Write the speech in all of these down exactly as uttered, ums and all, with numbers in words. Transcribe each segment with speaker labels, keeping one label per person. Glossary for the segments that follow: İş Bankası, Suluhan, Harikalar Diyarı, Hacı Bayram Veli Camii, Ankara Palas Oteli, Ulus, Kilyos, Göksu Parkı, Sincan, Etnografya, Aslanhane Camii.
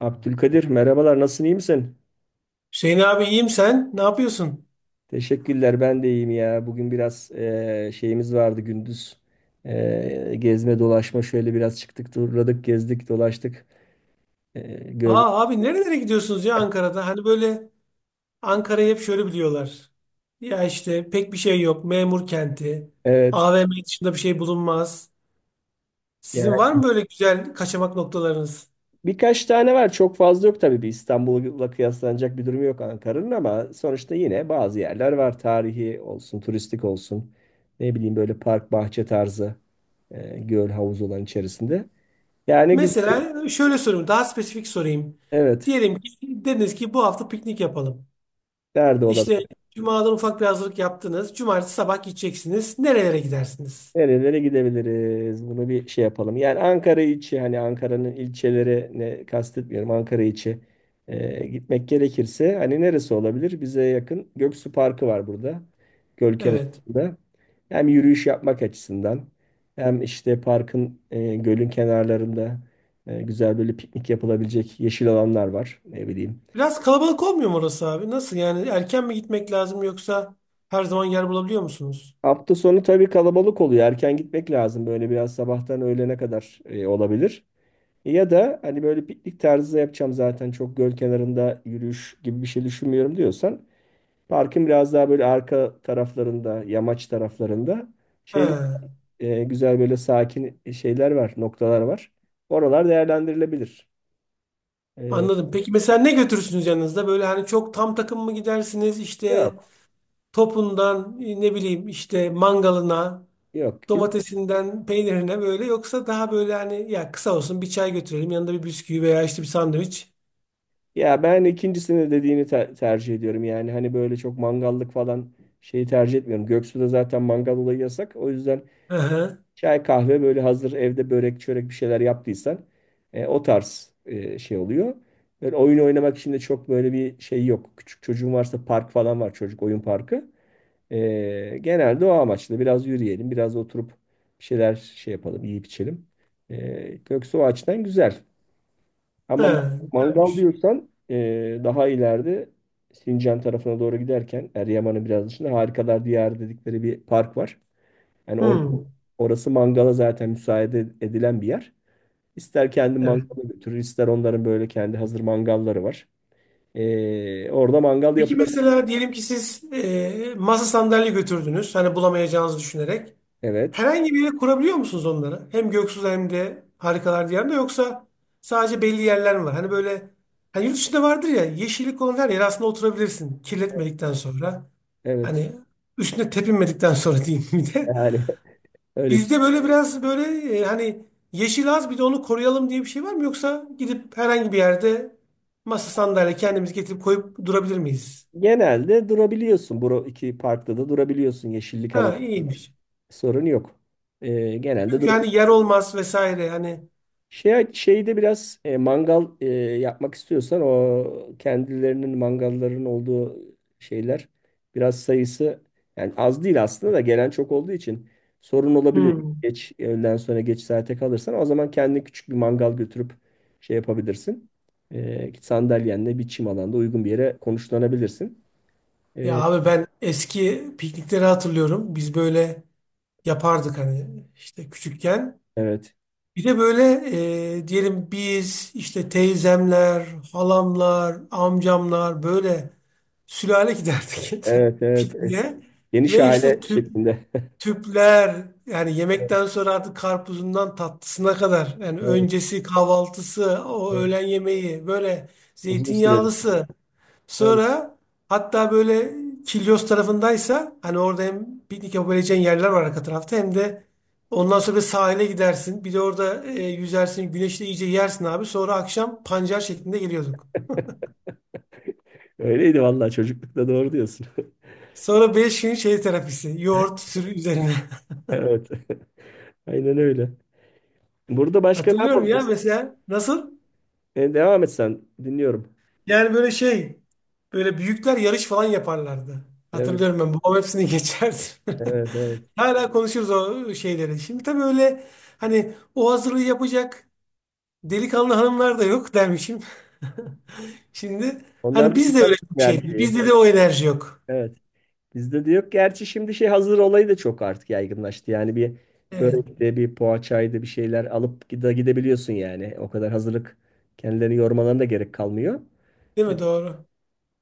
Speaker 1: Abdülkadir merhabalar, nasılsın, iyi misin?
Speaker 2: Hüseyin abi, iyiyim, sen? Ne yapıyorsun?
Speaker 1: Teşekkürler, ben de iyiyim ya. Bugün biraz eee, şeyimiz vardı gündüz. Eee, gezme dolaşma, şöyle biraz çıktık, turladık, gezdik, dolaştık. Eee gör
Speaker 2: Aa abi, nerelere gidiyorsunuz ya Ankara'da? Hani böyle Ankara'yı hep şöyle biliyorlar. Ya işte pek bir şey yok. Memur kenti.
Speaker 1: evet.
Speaker 2: A V M dışında bir şey bulunmaz. Sizin
Speaker 1: Yani
Speaker 2: var mı böyle güzel kaçamak noktalarınız?
Speaker 1: birkaç tane var, çok fazla yok tabii, bir İstanbul'la kıyaslanacak bir durum yok Ankara'nın, ama sonuçta yine bazı yerler var. Tarihi olsun, turistik olsun, ne bileyim, böyle park bahçe tarzı, eee, göl havuz olan içerisinde. Yani güzel.
Speaker 2: Mesela şöyle sorayım. Daha spesifik sorayım.
Speaker 1: Evet,
Speaker 2: Diyelim ki dediniz ki bu hafta piknik yapalım.
Speaker 1: nerede
Speaker 2: İşte
Speaker 1: olabilir?
Speaker 2: Cuma'dan ufak bir hazırlık yaptınız. Cumartesi sabah gideceksiniz. Nerelere gidersiniz?
Speaker 1: Nerelere gidebiliriz? Bunu bir şey yapalım. Yani Ankara içi, hani Ankara'nın ilçelerine kastetmiyorum. Ankara içi e, gitmek gerekirse hani neresi olabilir? Bize yakın Göksu Parkı var burada. Göl
Speaker 2: Evet.
Speaker 1: kenarında. Hem yürüyüş yapmak açısından, hem işte parkın e, gölün kenarlarında e, güzel böyle piknik yapılabilecek yeşil alanlar var. Ne bileyim.
Speaker 2: Biraz kalabalık olmuyor mu orası abi? Nasıl yani? Erken mi gitmek lazım, yoksa her zaman yer bulabiliyor musunuz?
Speaker 1: Hafta sonu tabii kalabalık oluyor. Erken gitmek lazım. Böyle biraz sabahtan öğlene kadar e, olabilir. E, Ya da hani böyle piknik tarzı yapacağım, zaten çok göl kenarında yürüyüş gibi bir şey düşünmüyorum diyorsan, parkın biraz daha böyle arka taraflarında, yamaç taraflarında şey
Speaker 2: He,
Speaker 1: e, güzel böyle sakin şeyler var, noktalar var. Oralar değerlendirilebilir. E,
Speaker 2: anladım. Peki mesela ne götürürsünüz yanınızda? Böyle hani çok tam takım mı gidersiniz? İşte
Speaker 1: Yok.
Speaker 2: topundan e, ne bileyim işte mangalına,
Speaker 1: Yok. Biz,
Speaker 2: domatesinden peynirine, böyle, yoksa daha böyle hani ya kısa olsun, bir çay götürelim yanında bir bisküvi veya işte bir sandviç.
Speaker 1: ya ben ikincisini dediğini te- tercih ediyorum. Yani hani böyle çok mangallık falan şeyi tercih etmiyorum. Göksu'da zaten mangal olayı yasak. O yüzden
Speaker 2: Hı hı.
Speaker 1: çay kahve böyle hazır, evde börek çörek bir şeyler yaptıysan e, o tarz e, şey oluyor. Böyle oyun oynamak için de çok böyle bir şey yok. Küçük çocuğun varsa park falan var, çocuk oyun parkı. E, genelde o amaçla biraz yürüyelim, biraz oturup bir şeyler şey yapalım, yiyip içelim. E, yoksa o açıdan güzel.
Speaker 2: He,
Speaker 1: Ama mangal
Speaker 2: güzelmiş.
Speaker 1: diyorsan, e, daha ileride Sincan tarafına doğru giderken, Eryaman'ın biraz dışında Harikalar Diyarı dedikleri bir park var. Yani or-
Speaker 2: Hmm,
Speaker 1: Orası mangala zaten müsaade edilen bir yer. İster kendi
Speaker 2: evet.
Speaker 1: mangala götürür, ister onların böyle kendi hazır mangalları var. Ee, orada mangal
Speaker 2: Peki
Speaker 1: yapılabilir.
Speaker 2: mesela diyelim ki siz e, masa sandalye götürdünüz. Hani bulamayacağınızı düşünerek.
Speaker 1: Evet,
Speaker 2: Herhangi bir yere kurabiliyor musunuz onları? Hem Göksu'da hem de Harikalar Diyarı'nda, yoksa sadece belli yerler mi var? Hani böyle, hani yurt dışında vardır ya, yeşillik olan her yere aslında oturabilirsin. Kirletmedikten sonra.
Speaker 1: evet.
Speaker 2: Hani üstüne tepinmedikten sonra diyeyim bir de.
Speaker 1: Yani öyle.
Speaker 2: Bizde böyle biraz böyle, e, hani yeşil az, bir de onu koruyalım diye bir şey var mı? Yoksa gidip herhangi bir yerde masa sandalye kendimiz getirip koyup durabilir miyiz?
Speaker 1: Genelde durabiliyorsun. Bu iki parkta da durabiliyorsun. Yeşillik alan,
Speaker 2: Ha, iyiymiş.
Speaker 1: sorun yok. Ee, genelde
Speaker 2: Çünkü hani
Speaker 1: durabiliyorsun.
Speaker 2: yer olmaz vesaire hani.
Speaker 1: Şey, şeyde biraz e, mangal e, yapmak istiyorsan, o kendilerinin mangalların olduğu şeyler, biraz sayısı, yani az değil aslında, da gelen çok olduğu için sorun olabiliyor. Geç öğleden sonra geç saate kalırsan, o zaman kendine küçük bir mangal götürüp şey yapabilirsin. E, sandalyenle bir çim alanda uygun bir yere konuşlanabilirsin.
Speaker 2: Ya
Speaker 1: E,
Speaker 2: abi, ben eski piknikleri hatırlıyorum. Biz böyle yapardık hani işte küçükken.
Speaker 1: evet.
Speaker 2: Bir de böyle, e, diyelim biz işte teyzemler, halamlar, amcamlar böyle sülale giderdik
Speaker 1: Evet, evet. Es-
Speaker 2: pikniğe.
Speaker 1: Geniş
Speaker 2: Ve işte
Speaker 1: aile
Speaker 2: tüp
Speaker 1: şeklinde.
Speaker 2: tüpler yani yemekten sonra artık karpuzundan tatlısına kadar, yani
Speaker 1: Evet,
Speaker 2: öncesi kahvaltısı, o
Speaker 1: evet.
Speaker 2: öğlen yemeği, böyle
Speaker 1: Uzun süreli.
Speaker 2: zeytinyağlısı. Sonra hatta böyle Kilyos tarafındaysa hani orada hem piknik yapabileceğin yerler var arka tarafta, hem de ondan sonra bir sahile gidersin. Bir de orada e, yüzersin. Güneşte iyice yersin abi. Sonra akşam pancar şeklinde geliyorduk.
Speaker 1: Öyleydi vallahi, çocuklukta doğru diyorsun.
Speaker 2: Sonra beş gün şey terapisi. Yoğurt sürü üzerine.
Speaker 1: Evet. Aynen öyle. Burada başka ne
Speaker 2: Hatırlıyorum ya
Speaker 1: yapabiliriz?
Speaker 2: mesela. Nasıl?
Speaker 1: E, devam et sen. Dinliyorum.
Speaker 2: Yani böyle şey. Böyle büyükler yarış falan yaparlardı.
Speaker 1: Evet,
Speaker 2: Hatırlıyorum ben. Babam hepsini geçerdi.
Speaker 1: evet, evet.
Speaker 2: Hala konuşuruz o şeyleri. Şimdi tabii öyle, hani o hazırlığı yapacak delikanlı hanımlar da yok dermişim. Şimdi
Speaker 1: Onlar
Speaker 2: hani
Speaker 1: da
Speaker 2: bizde öyle
Speaker 1: bizden bir
Speaker 2: bir şey değil.
Speaker 1: erkeği.
Speaker 2: Bizde de o enerji yok.
Speaker 1: Evet. Bizde de yok. Gerçi şimdi şey, hazır olayı da çok artık yaygınlaştı. Yani bir
Speaker 2: Evet.
Speaker 1: börekte, bir poğaçaydı, bir şeyler alıp gide, gidebiliyorsun yani. O kadar hazırlık, kendilerini yormalarına da gerek kalmıyor.
Speaker 2: Değil mi? Doğru.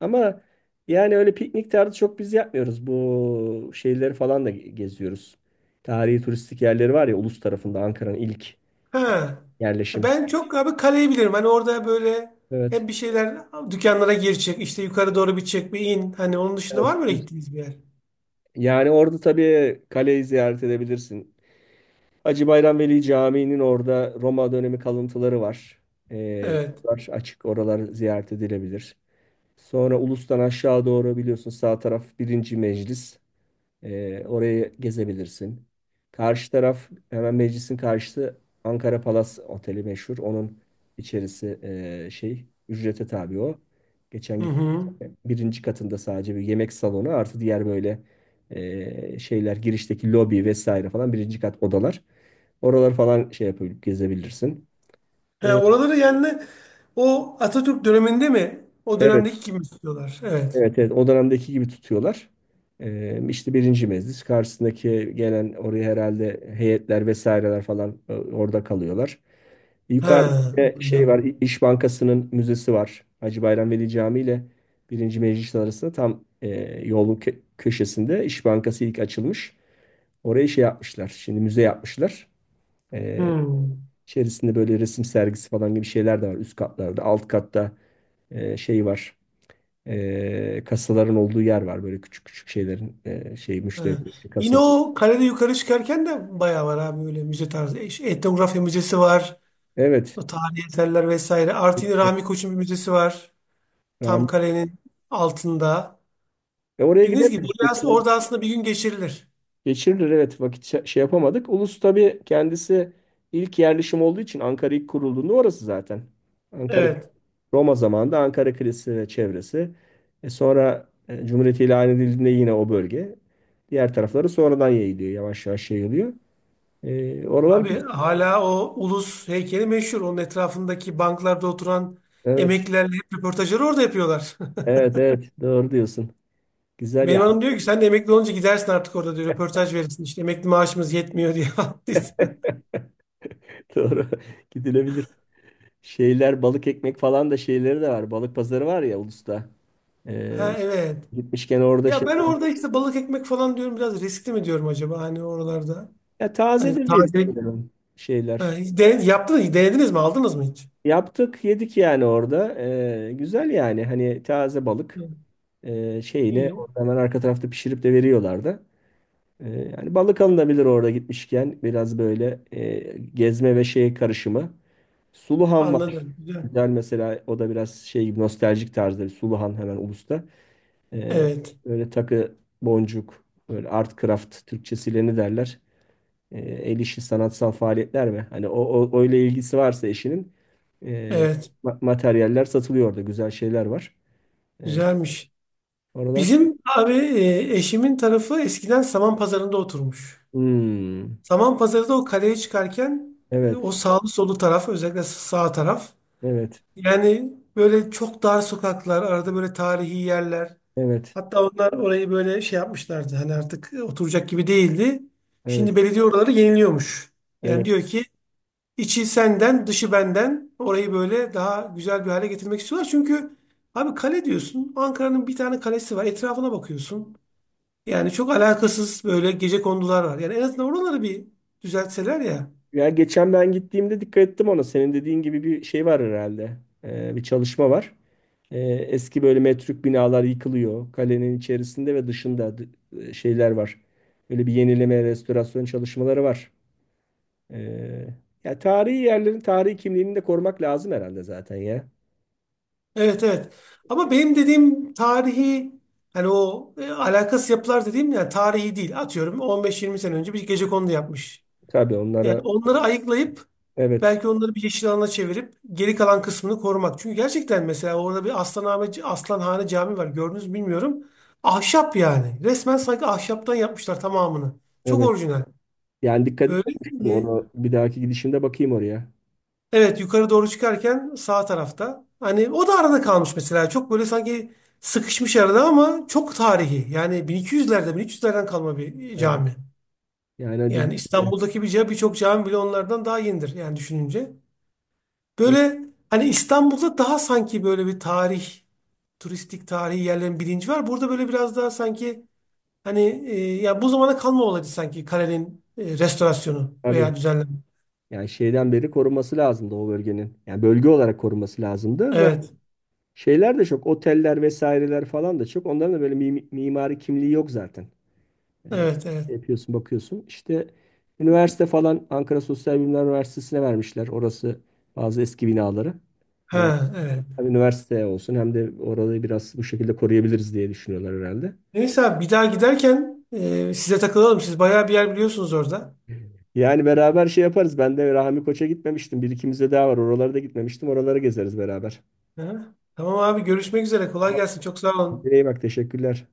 Speaker 1: Ama yani öyle piknik tarzı çok biz yapmıyoruz. Bu şeyleri falan da ge- geziyoruz. Tarihi turistik yerleri var ya, Ulus tarafında Ankara'nın ilk
Speaker 2: Ha.
Speaker 1: yerleşim.
Speaker 2: Ben çok abi kaleyi bilirim. Hani orada böyle
Speaker 1: Evet.
Speaker 2: hep bir şeyler, dükkanlara gir çık, işte yukarı doğru bir çık bir in. Hani onun dışında var
Speaker 1: Evet.
Speaker 2: mı öyle gittiğiniz bir yer?
Speaker 1: Yani orada tabii kaleyi ziyaret edebilirsin. Hacı Bayram Veli Camii'nin orada Roma dönemi kalıntıları var. Ee,
Speaker 2: Evet.
Speaker 1: oralar açık, oralar ziyaret edilebilir. Sonra Ulus'tan aşağı doğru biliyorsun, sağ taraf birinci meclis. Ee, orayı gezebilirsin. Karşı taraf, hemen meclisin karşısı Ankara Palas Oteli meşhur. Onun içerisi e, şey, ücrete tabi o. Geçen
Speaker 2: Hı
Speaker 1: git
Speaker 2: hı.
Speaker 1: birinci katında sadece bir yemek salonu, artı diğer böyle e, şeyler, girişteki lobi vesaire falan, birinci kat odalar. Oralar falan şey yapıp gezebilirsin.
Speaker 2: Ha,
Speaker 1: E,
Speaker 2: oraları yani o Atatürk döneminde mi? O
Speaker 1: evet.
Speaker 2: dönemdeki gibi mi istiyorlar? Evet.
Speaker 1: Evet, evet, o dönemdeki gibi tutuyorlar. Ee, işte birinci meclis karşısındaki, gelen oraya herhalde heyetler vesaireler falan e, orada kalıyorlar. Yukarıda
Speaker 2: Ha.
Speaker 1: bir şey var,
Speaker 2: Anladım.
Speaker 1: İ- İş Bankası'nın müzesi var. Hacı Bayram Veli Camii ile birinci meclis arasında tam e, yolun kö- köşesinde İş Bankası ilk açılmış. Oraya şey yapmışlar, şimdi müze yapmışlar. Ee,
Speaker 2: Hı.
Speaker 1: içerisinde böyle resim sergisi falan gibi şeyler de var üst katlarda. Alt katta e, şey var, e, kasaların olduğu yer var, böyle küçük küçük şeylerin e, şey, müşteri
Speaker 2: Ha. Yine
Speaker 1: kasalar.
Speaker 2: o kalede yukarı çıkarken de bayağı var abi öyle müze tarzı. E, şey, Etnografya müzesi var.
Speaker 1: Evet.
Speaker 2: O tarihi eserler vesaire. Artı yine Rami Koç'un bir müzesi var. Tam
Speaker 1: Rahmi-
Speaker 2: kalenin altında.
Speaker 1: E, oraya
Speaker 2: Dediğiniz gibi
Speaker 1: gidemedik.
Speaker 2: oraya as-
Speaker 1: Geçen,
Speaker 2: orada aslında bir gün geçirilir.
Speaker 1: geçirilir evet, vakit şa- şey yapamadık. Ulus tabii kendisi ilk yerleşim olduğu için, Ankara ilk kurulduğunda orası zaten. Ankara
Speaker 2: Evet.
Speaker 1: Roma zamanında Ankara Kalesi ve çevresi. E, sonra e, Cumhuriyet ilan edildiğinde yine o bölge. Diğer tarafları sonradan yayılıyor. Yavaş yavaş yayılıyor. E, oralar
Speaker 2: Abi
Speaker 1: güzel.
Speaker 2: hala o ulus heykeli meşhur. Onun etrafındaki banklarda oturan
Speaker 1: Evet.
Speaker 2: emeklilerle hep röportajları orada yapıyorlar.
Speaker 1: Evet evet, doğru diyorsun. Güzel.
Speaker 2: Benim hanım diyor ki sen de emekli olunca gidersin artık orada diyor. Röportaj verirsin işte emekli maaşımız yetmiyor diye.
Speaker 1: Doğru. Gidilebilir. Şeyler, balık ekmek falan da şeyleri de var. Balık pazarı var ya Ulus'ta. Ee,
Speaker 2: Ha, evet.
Speaker 1: gitmişken orada
Speaker 2: Ya
Speaker 1: şey.
Speaker 2: ben orada işte balık ekmek falan diyorum, biraz riskli mi diyorum acaba hani oralarda.
Speaker 1: Ya
Speaker 2: Hani
Speaker 1: tazedir diye
Speaker 2: taze,
Speaker 1: düşünüyorum
Speaker 2: ha,
Speaker 1: şeyler.
Speaker 2: hiç den- yaptınız, denediniz mi, aldınız mı hiç?
Speaker 1: Yaptık yedik yani orada. Ee, güzel yani, hani taze balık
Speaker 2: Hı.
Speaker 1: ee, şeyini
Speaker 2: İyi.
Speaker 1: orada hemen arka tarafta pişirip de veriyorlardı. Ee, yani balık alınabilir orada gitmişken, biraz böyle ee, gezme ve şey karışımı. Suluhan var.
Speaker 2: Anladım. Güzel.
Speaker 1: Güzel mesela, o da biraz şey gibi, nostaljik tarzda bir Suluhan hemen Ulus'ta. Ee,
Speaker 2: Evet.
Speaker 1: böyle takı, boncuk, böyle art craft, Türkçesiyle ne derler? Ee, el işi sanatsal faaliyetler mi? Hani o, o öyle, ilgisi varsa eşinin ee,
Speaker 2: Evet.
Speaker 1: ma- materyaller satılıyor orada. Güzel şeyler var. Ee,
Speaker 2: Güzelmiş.
Speaker 1: oralar şey.
Speaker 2: Bizim abi e, eşimin tarafı eskiden Saman Pazarı'nda oturmuş.
Speaker 1: Hmm,
Speaker 2: Saman Pazarı'da o kaleye çıkarken, e, o
Speaker 1: evet,
Speaker 2: sağlı solu taraf, özellikle sağ taraf,
Speaker 1: evet,
Speaker 2: yani böyle çok dar sokaklar, arada böyle tarihi yerler.
Speaker 1: evet,
Speaker 2: Hatta onlar orayı böyle şey yapmışlardı. Hani artık e, oturacak gibi değildi.
Speaker 1: evet,
Speaker 2: Şimdi belediye oraları yeniliyormuş. Yani
Speaker 1: evet.
Speaker 2: diyor ki içi senden, dışı benden. Orayı böyle daha güzel bir hale getirmek istiyorlar. Çünkü abi kale diyorsun. Ankara'nın bir tane kalesi var. Etrafına bakıyorsun. Yani çok alakasız böyle gecekondular var. Yani en azından oraları bir düzeltseler ya.
Speaker 1: Ya geçen ben gittiğimde dikkat ettim ona. Senin dediğin gibi bir şey var herhalde. Ee, bir çalışma var. Ee, eski böyle metruk binalar yıkılıyor. Kalenin içerisinde ve dışında d- e, şeyler var. Böyle bir yenileme, restorasyon çalışmaları var. Ee, ya tarihi yerlerin tarihi kimliğini de korumak lazım herhalde zaten ya.
Speaker 2: Evet, evet. Ama benim dediğim tarihi, hani o e, alakasız yapılar dediğim yani tarihi değil. Atıyorum, on beş yirmi sene önce bir gecekondu yapmış.
Speaker 1: Tabii
Speaker 2: Yani
Speaker 1: onlara
Speaker 2: onları ayıklayıp,
Speaker 1: evet,
Speaker 2: belki onları bir yeşil alana çevirip geri kalan kısmını korumak. Çünkü gerçekten mesela orada bir Aslanhane, Aslanhane Camii var. Gördünüz mü bilmiyorum. Ahşap yani. Resmen sanki ahşaptan yapmışlar tamamını. Çok
Speaker 1: evet.
Speaker 2: orijinal.
Speaker 1: Yani dikkat
Speaker 2: Böyle,
Speaker 1: etmemiştim
Speaker 2: e,
Speaker 1: onu. Bir dahaki gidişimde bakayım oraya.
Speaker 2: evet yukarı doğru çıkarken sağ tarafta. Hani o da arada kalmış mesela. Çok böyle sanki sıkışmış arada ama çok tarihi. Yani bin iki yüzlerde bin üç yüzlerden kalma bir
Speaker 1: Evet.
Speaker 2: cami.
Speaker 1: Yani
Speaker 2: Yani
Speaker 1: dedim,
Speaker 2: İstanbul'daki bir ca- birçok cami bile onlardan daha yenidir yani düşününce. Böyle hani İstanbul'da daha sanki böyle bir tarih, turistik tarihi yerlerin bilinci var. Burada böyle biraz daha sanki hani, e, ya bu zamana kalma olaydı sanki kalenin e, restorasyonu
Speaker 1: tabii.
Speaker 2: veya düzenleme.
Speaker 1: Yani şeyden beri korunması lazımdı o bölgenin. Yani bölge olarak korunması lazımdı. Zaten
Speaker 2: Evet,
Speaker 1: şeyler de çok. Oteller vesaireler falan da çok. Onların da böyle mi- mimari kimliği yok zaten. Ee,
Speaker 2: evet, evet.
Speaker 1: şey yapıyorsun bakıyorsun. İşte üniversite falan, Ankara Sosyal Bilimler Üniversitesi'ne vermişler. Orası bazı eski binaları. Herhalde
Speaker 2: Ha, evet.
Speaker 1: hem üniversite olsun, hem de orayı biraz bu şekilde koruyabiliriz diye düşünüyorlar herhalde.
Speaker 2: Neyse abi, bir daha giderken e, size takılalım. Siz bayağı bir yer biliyorsunuz orada.
Speaker 1: Yani beraber şey yaparız. Ben de Rahmi Koç'a gitmemiştim. Bir ikimiz de daha var. Oralara da gitmemiştim. Oraları gezeriz beraber.
Speaker 2: Ha? Tamam abi, görüşmek üzere. Kolay
Speaker 1: Ama
Speaker 2: gelsin. Çok sağ olun.
Speaker 1: kendine iyi bak. Teşekkürler.